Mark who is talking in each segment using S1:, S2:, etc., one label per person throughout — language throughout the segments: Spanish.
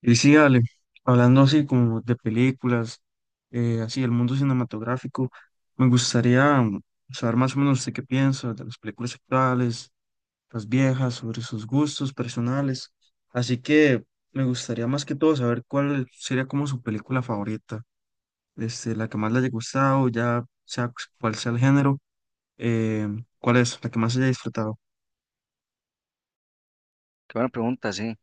S1: Y sí, Ale, hablando así como de películas, así el mundo cinematográfico, me gustaría saber más o menos usted qué piensa de las películas actuales, las viejas, sobre sus gustos personales. Así que me gustaría más que todo saber cuál sería como su película favorita, este, la que más le haya gustado, ya sea cuál sea el género, eh, cuál es la que más haya disfrutado.
S2: Qué buena pregunta, sí.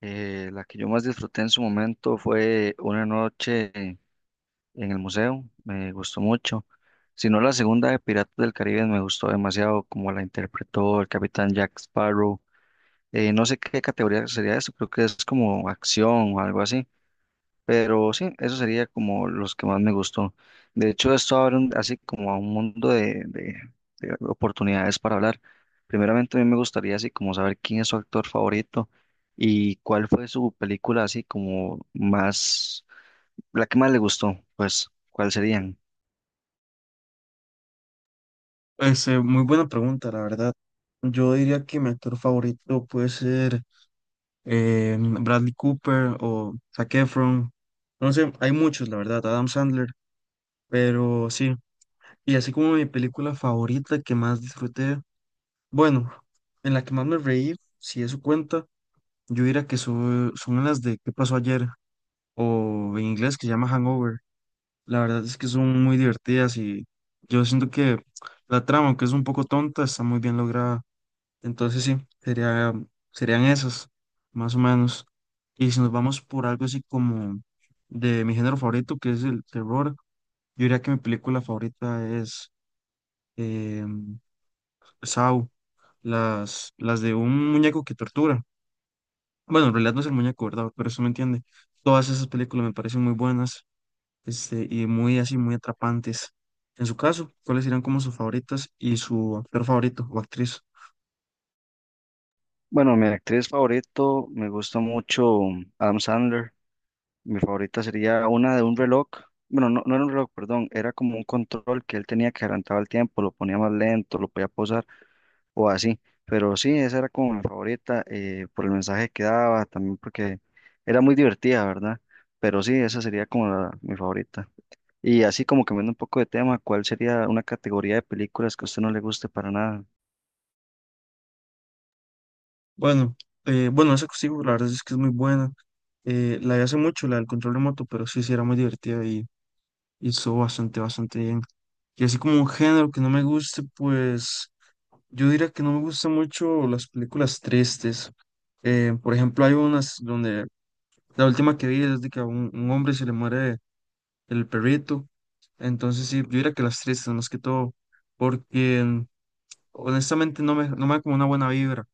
S2: La que yo más disfruté en su momento fue una noche en el museo, me gustó mucho. Si no, la segunda de Piratas del Caribe me gustó demasiado, como la interpretó el capitán Jack Sparrow. No sé qué categoría sería eso, creo que es como acción o algo así. Pero sí, eso sería como los que más me gustó. De hecho, esto abre un- así como a un mundo de de oportunidades para hablar. Primeramente, a mí me gustaría así como saber quién es su actor favorito y cuál fue su película así como más, la que más le gustó, pues, ¿cuál serían?
S1: Este, muy buena pregunta, la verdad. Yo diría que mi actor favorito puede ser Bradley Cooper o Zac Efron. No sé, hay muchos, la verdad, Adam Sandler, pero sí. Y así como mi película favorita que más disfruté, bueno, en la que más me reí, si eso cuenta, yo diría que son las de ¿Qué pasó ayer? O en inglés que se llama Hangover. La verdad es que son muy divertidas y yo siento que la trama, aunque es un poco tonta, está muy bien lograda. Entonces sí, sería, serían esos, más o menos. Y si nos vamos por algo así como de mi género favorito, que es el terror, yo diría que mi película favorita es eh, Saw, las de un muñeco que tortura. Bueno, en realidad no es el muñeco, ¿verdad? Pero eso me entiende. Todas esas películas me parecen muy buenas, este, y muy así, muy atrapantes. En su caso, ¿cuáles serían como sus favoritas y su actor favorito o actriz?
S2: Bueno, mi actriz favorito me gusta mucho Adam Sandler. Mi favorita sería una de un reloj. Bueno, no, no era un reloj, perdón, era como un control que él tenía que adelantaba el tiempo, lo ponía más lento, lo podía pausar. O así. Pero sí, esa era como mi favorita por el mensaje que daba, también porque era muy divertida, ¿verdad? Pero sí, esa sería como la- mi favorita. Y así como cambiando un poco de tema, ¿cuál sería una categoría de películas que a usted no le guste para nada?
S1: Bueno, bueno, esa consigo la verdad es que es muy buena. La de hace mucho, la del control remoto, pero sí, sí era muy divertida y estuvo bastante, bastante bien. Y así como un género que no me guste, pues yo diría que no me gustan mucho las películas tristes. Por ejemplo, hay unas donde la última que vi es de que a un hombre se le muere el perrito. Entonces sí, yo diría que las tristes más que todo, porque honestamente no me da como una buena vibra.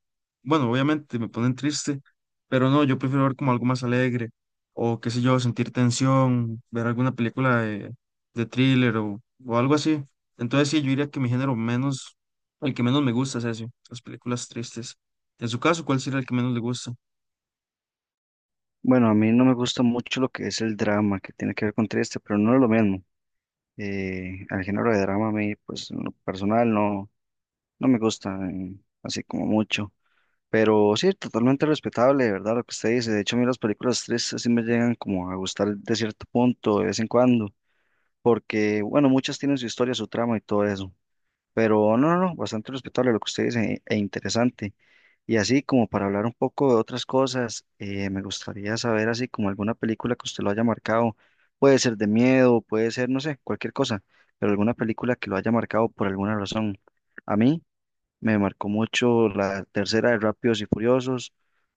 S1: Bueno, obviamente me ponen triste, pero no, yo prefiero ver como algo más alegre o qué sé yo, sentir tensión, ver alguna película de thriller o algo así. Entonces sí, yo diría que mi género menos, el que menos me gusta es ese, las películas tristes. En su caso, ¿cuál sería el que menos le gusta?
S2: Bueno, a mí no me gusta mucho lo que es el drama, que tiene que ver con triste, pero no es lo mismo. El género de drama a mí, pues en lo personal no, no me gusta así como mucho. Pero sí, totalmente respetable, ¿verdad? Lo que usted dice. De hecho, a mí las películas tristes sí me llegan como a gustar de cierto punto, de vez en cuando, porque, bueno, muchas tienen su historia, su trama y todo eso. Pero no, no, no, bastante respetable lo que usted dice e interesante. Y así como para hablar un poco de otras cosas, me gustaría saber así como alguna película que usted lo haya marcado. Puede ser de miedo, puede ser, no sé, cualquier cosa, pero alguna película que lo haya marcado por alguna razón. A mí. Me marcó mucho la tercera de Rápidos y Furiosos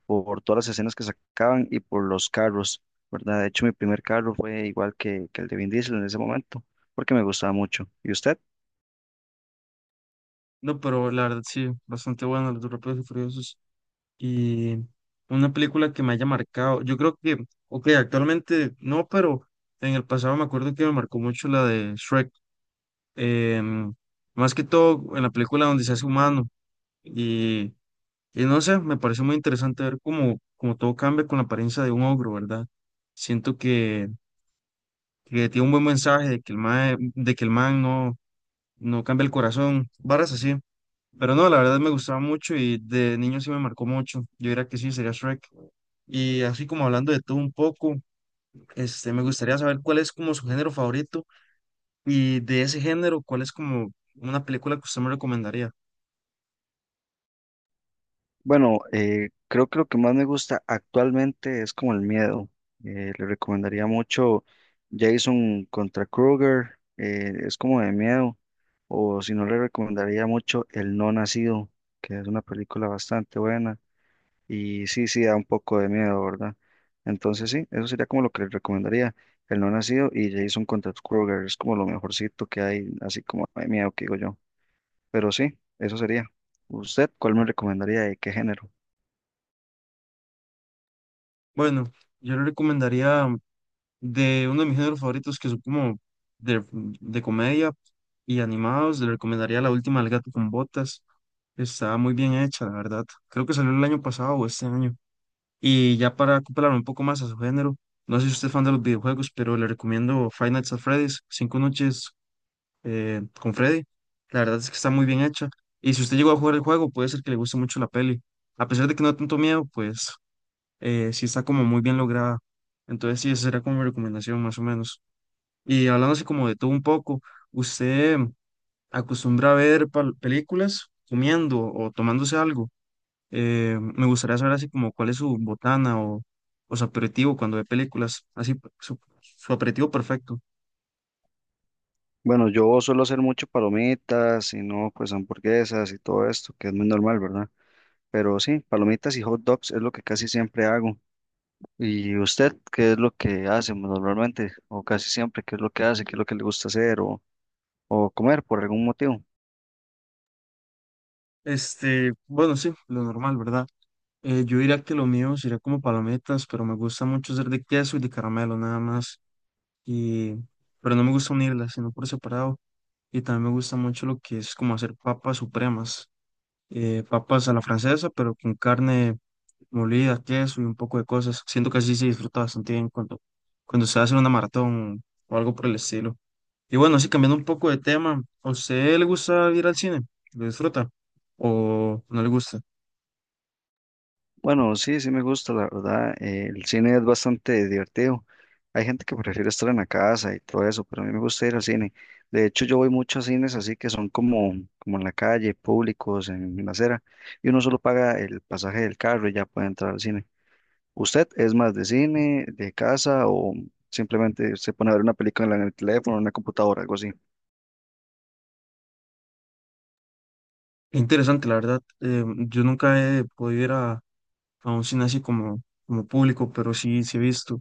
S2: por todas las escenas que sacaban y por los carros, ¿verdad? De hecho, mi primer carro fue igual que el de Vin Diesel en ese momento, porque me gustaba mucho. ¿Y usted?
S1: No, pero la verdad sí, bastante bueno, los de Rápidos y Furiosos. Y una película que me haya marcado, yo creo que, ok, actualmente no, pero en el pasado me acuerdo que me marcó mucho la de Shrek, em, más que todo en la película donde se hace humano. Y, y no sé, me pareció muy interesante ver cómo, cómo todo cambia con la apariencia de un ogro, ¿verdad? Siento que tiene un buen mensaje de que el man, no cambia el corazón, varas así. Pero no, la verdad me gustaba mucho y de niño sí me marcó mucho. Yo diría que sí, sería Shrek. Y así como hablando de todo un poco, este, me gustaría saber cuál es como su género favorito y de ese género, cuál es como una película que usted me recomendaría.
S2: Bueno, creo que lo que más me gusta actualmente es como el miedo. Le recomendaría mucho Jason contra Kruger, es como de miedo. O si no, le recomendaría mucho El No Nacido, que es una película bastante buena. Y sí, sí, da un poco de miedo, ¿verdad? Entonces sí, eso sería como lo que les recomendaría. El no nacido y Jason contra los Krueger es como lo mejorcito que hay, así como de miedo que digo yo. Pero sí, eso sería. ¿Usted cuál me recomendaría y qué género?
S1: Bueno, yo le recomendaría de uno de mis géneros favoritos que son como de comedia y animados, le recomendaría La Última del Gato con Botas. Está muy bien hecha, la verdad. Creo que salió el año pasado o este año. Y ya para acoplarlo un poco más a su género, no sé si usted es fan de los videojuegos, pero le recomiendo Five Nights at Freddy's, Cinco Noches con Freddy. La verdad es que está muy bien hecha. Y si usted llegó a jugar el juego, puede ser que le guste mucho la peli. A pesar de que no da tanto miedo, pues sí está como muy bien lograda. Entonces sí, esa será como mi recomendación más o menos. Y hablando así como de todo un poco, ¿usted acostumbra a ver películas comiendo o tomándose algo? Me gustaría saber así como cuál es su botana o su aperitivo cuando ve películas, así su, su aperitivo perfecto.
S2: Bueno, yo suelo hacer mucho palomitas y no, pues hamburguesas y todo esto, que es muy normal, ¿verdad? Pero sí, palomitas y hot dogs es lo que casi siempre hago. ¿Y usted qué es lo que hace normalmente? O casi siempre, ¿qué es lo que hace? ¿Qué es lo que le gusta hacer o comer por algún motivo?
S1: Este, bueno, sí, lo normal, ¿verdad? Yo diría que lo mío sería como palomitas, pero me gusta mucho ser de queso y de caramelo nada más. Y, pero no me gusta unirlas, sino por separado. Y también me gusta mucho lo que es como hacer papas supremas, papas a la francesa, pero con carne molida, queso y un poco de cosas. Siento que así se disfruta bastante bien cuando, cuando se hace una maratón o algo por el estilo. Y bueno, así cambiando un poco de tema, ¿a usted le gusta ir al cine? ¿Lo disfruta? ¿O no le gusta?
S2: Bueno, sí, sí me gusta, la verdad. El cine es bastante divertido. Hay gente que prefiere estar en la casa y todo eso, pero a mí me gusta ir al cine. De hecho, yo voy mucho a cines así que son como, como en la calle, públicos, en la acera, y uno solo paga el pasaje del carro y ya puede entrar al cine. ¿Usted es más de cine, de casa o simplemente se pone a ver una película en el teléfono, en una computadora, algo así?
S1: Es interesante, la verdad. Eh, yo nunca he podido ir a un cine así como, como público, pero sí, sí he visto.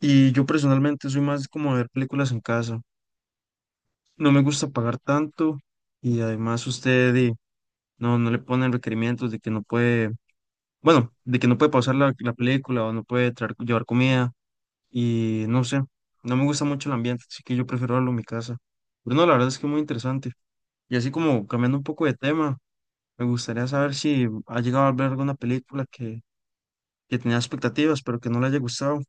S1: Y yo personalmente soy más como de ver películas en casa. No me gusta pagar tanto y además usted di, no, no le ponen requerimientos de que no puede. Bueno, de que no puede pausar la película o no puede traer, llevar comida y no sé, no me gusta mucho el ambiente, así que yo prefiero verlo en mi casa. Pero no, la verdad es que es muy interesante. Y así como cambiando un poco de tema, me gustaría saber si ha llegado a ver alguna película que tenía expectativas, pero que no le haya gustado.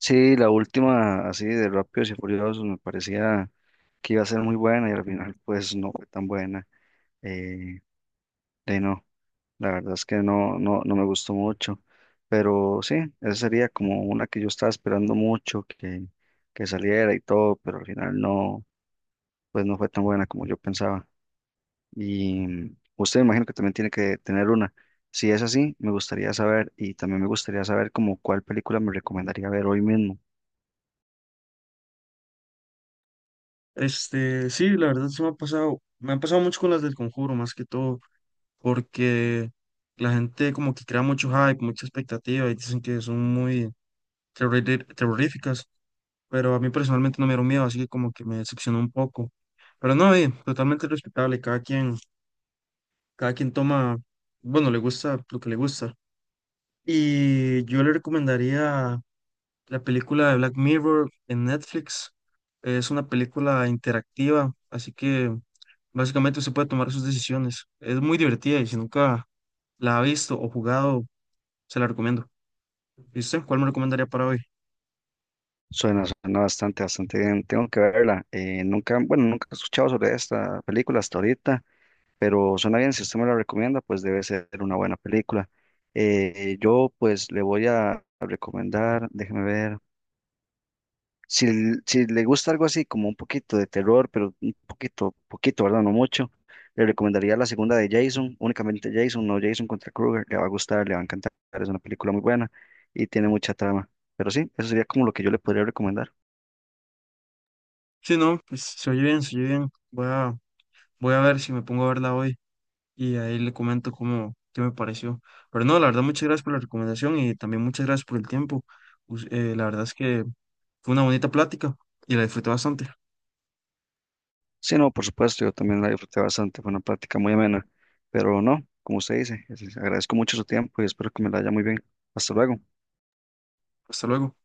S2: Sí, la última así de Rápidos y Furiosos me parecía que iba a ser muy buena y al final pues no fue tan buena. Eh, De ahí no, la verdad es que no, no, no me gustó mucho, pero sí, esa sería como una que yo estaba esperando mucho que saliera y todo, pero al final no, pues no fue tan buena como yo pensaba. Y usted me imagino que también tiene que tener una. Si es así, me gustaría saber y también me gustaría saber como cuál película me recomendaría ver hoy mismo.
S1: Este, sí, la verdad se me ha pasado mucho con las del Conjuro, más que todo, porque la gente como que crea mucho hype, mucha expectativa y dicen que son muy terroríficas. Pero a mí personalmente no me dieron miedo, así que como que me decepcionó un poco. Pero no, totalmente respetable, cada quien toma, bueno, le gusta lo que le gusta. Y yo le recomendaría la película de Black Mirror en Netflix. Es una película interactiva, así que básicamente usted puede tomar sus decisiones. Es muy divertida y si nunca la ha visto o jugado, se la recomiendo. ¿Y usted cuál me recomendaría para hoy?
S2: Suena, suena bastante, bastante bien. Tengo que verla. Nunca, bueno, nunca he escuchado sobre esta película hasta ahorita. Pero suena bien, si usted me la recomienda, pues debe ser una buena película. Yo pues le voy a recomendar, déjeme ver, si, l- si le gusta algo así como un poquito de terror, pero un poquito, poquito, ¿verdad? No mucho, le recomendaría la segunda de Jason, únicamente Jason, no Jason contra Krueger, le va a gustar, le va a encantar, es una película muy buena y tiene mucha trama, pero sí, eso sería como lo que yo le podría recomendar.
S1: Sí, no, pues se oye bien, se oye bien. Voy a, voy a ver si me pongo a verla hoy. Y ahí le comento cómo, qué me pareció. Pero no, la verdad, muchas gracias por la recomendación y también muchas gracias por el tiempo. La verdad es que fue una bonita plática y la disfruté bastante.
S2: Sí, no, por supuesto, yo también la disfruté bastante, fue una plática muy amena, pero no, como usted dice, es- agradezco mucho su tiempo y espero que me la haya muy bien. Hasta luego.
S1: Hasta luego.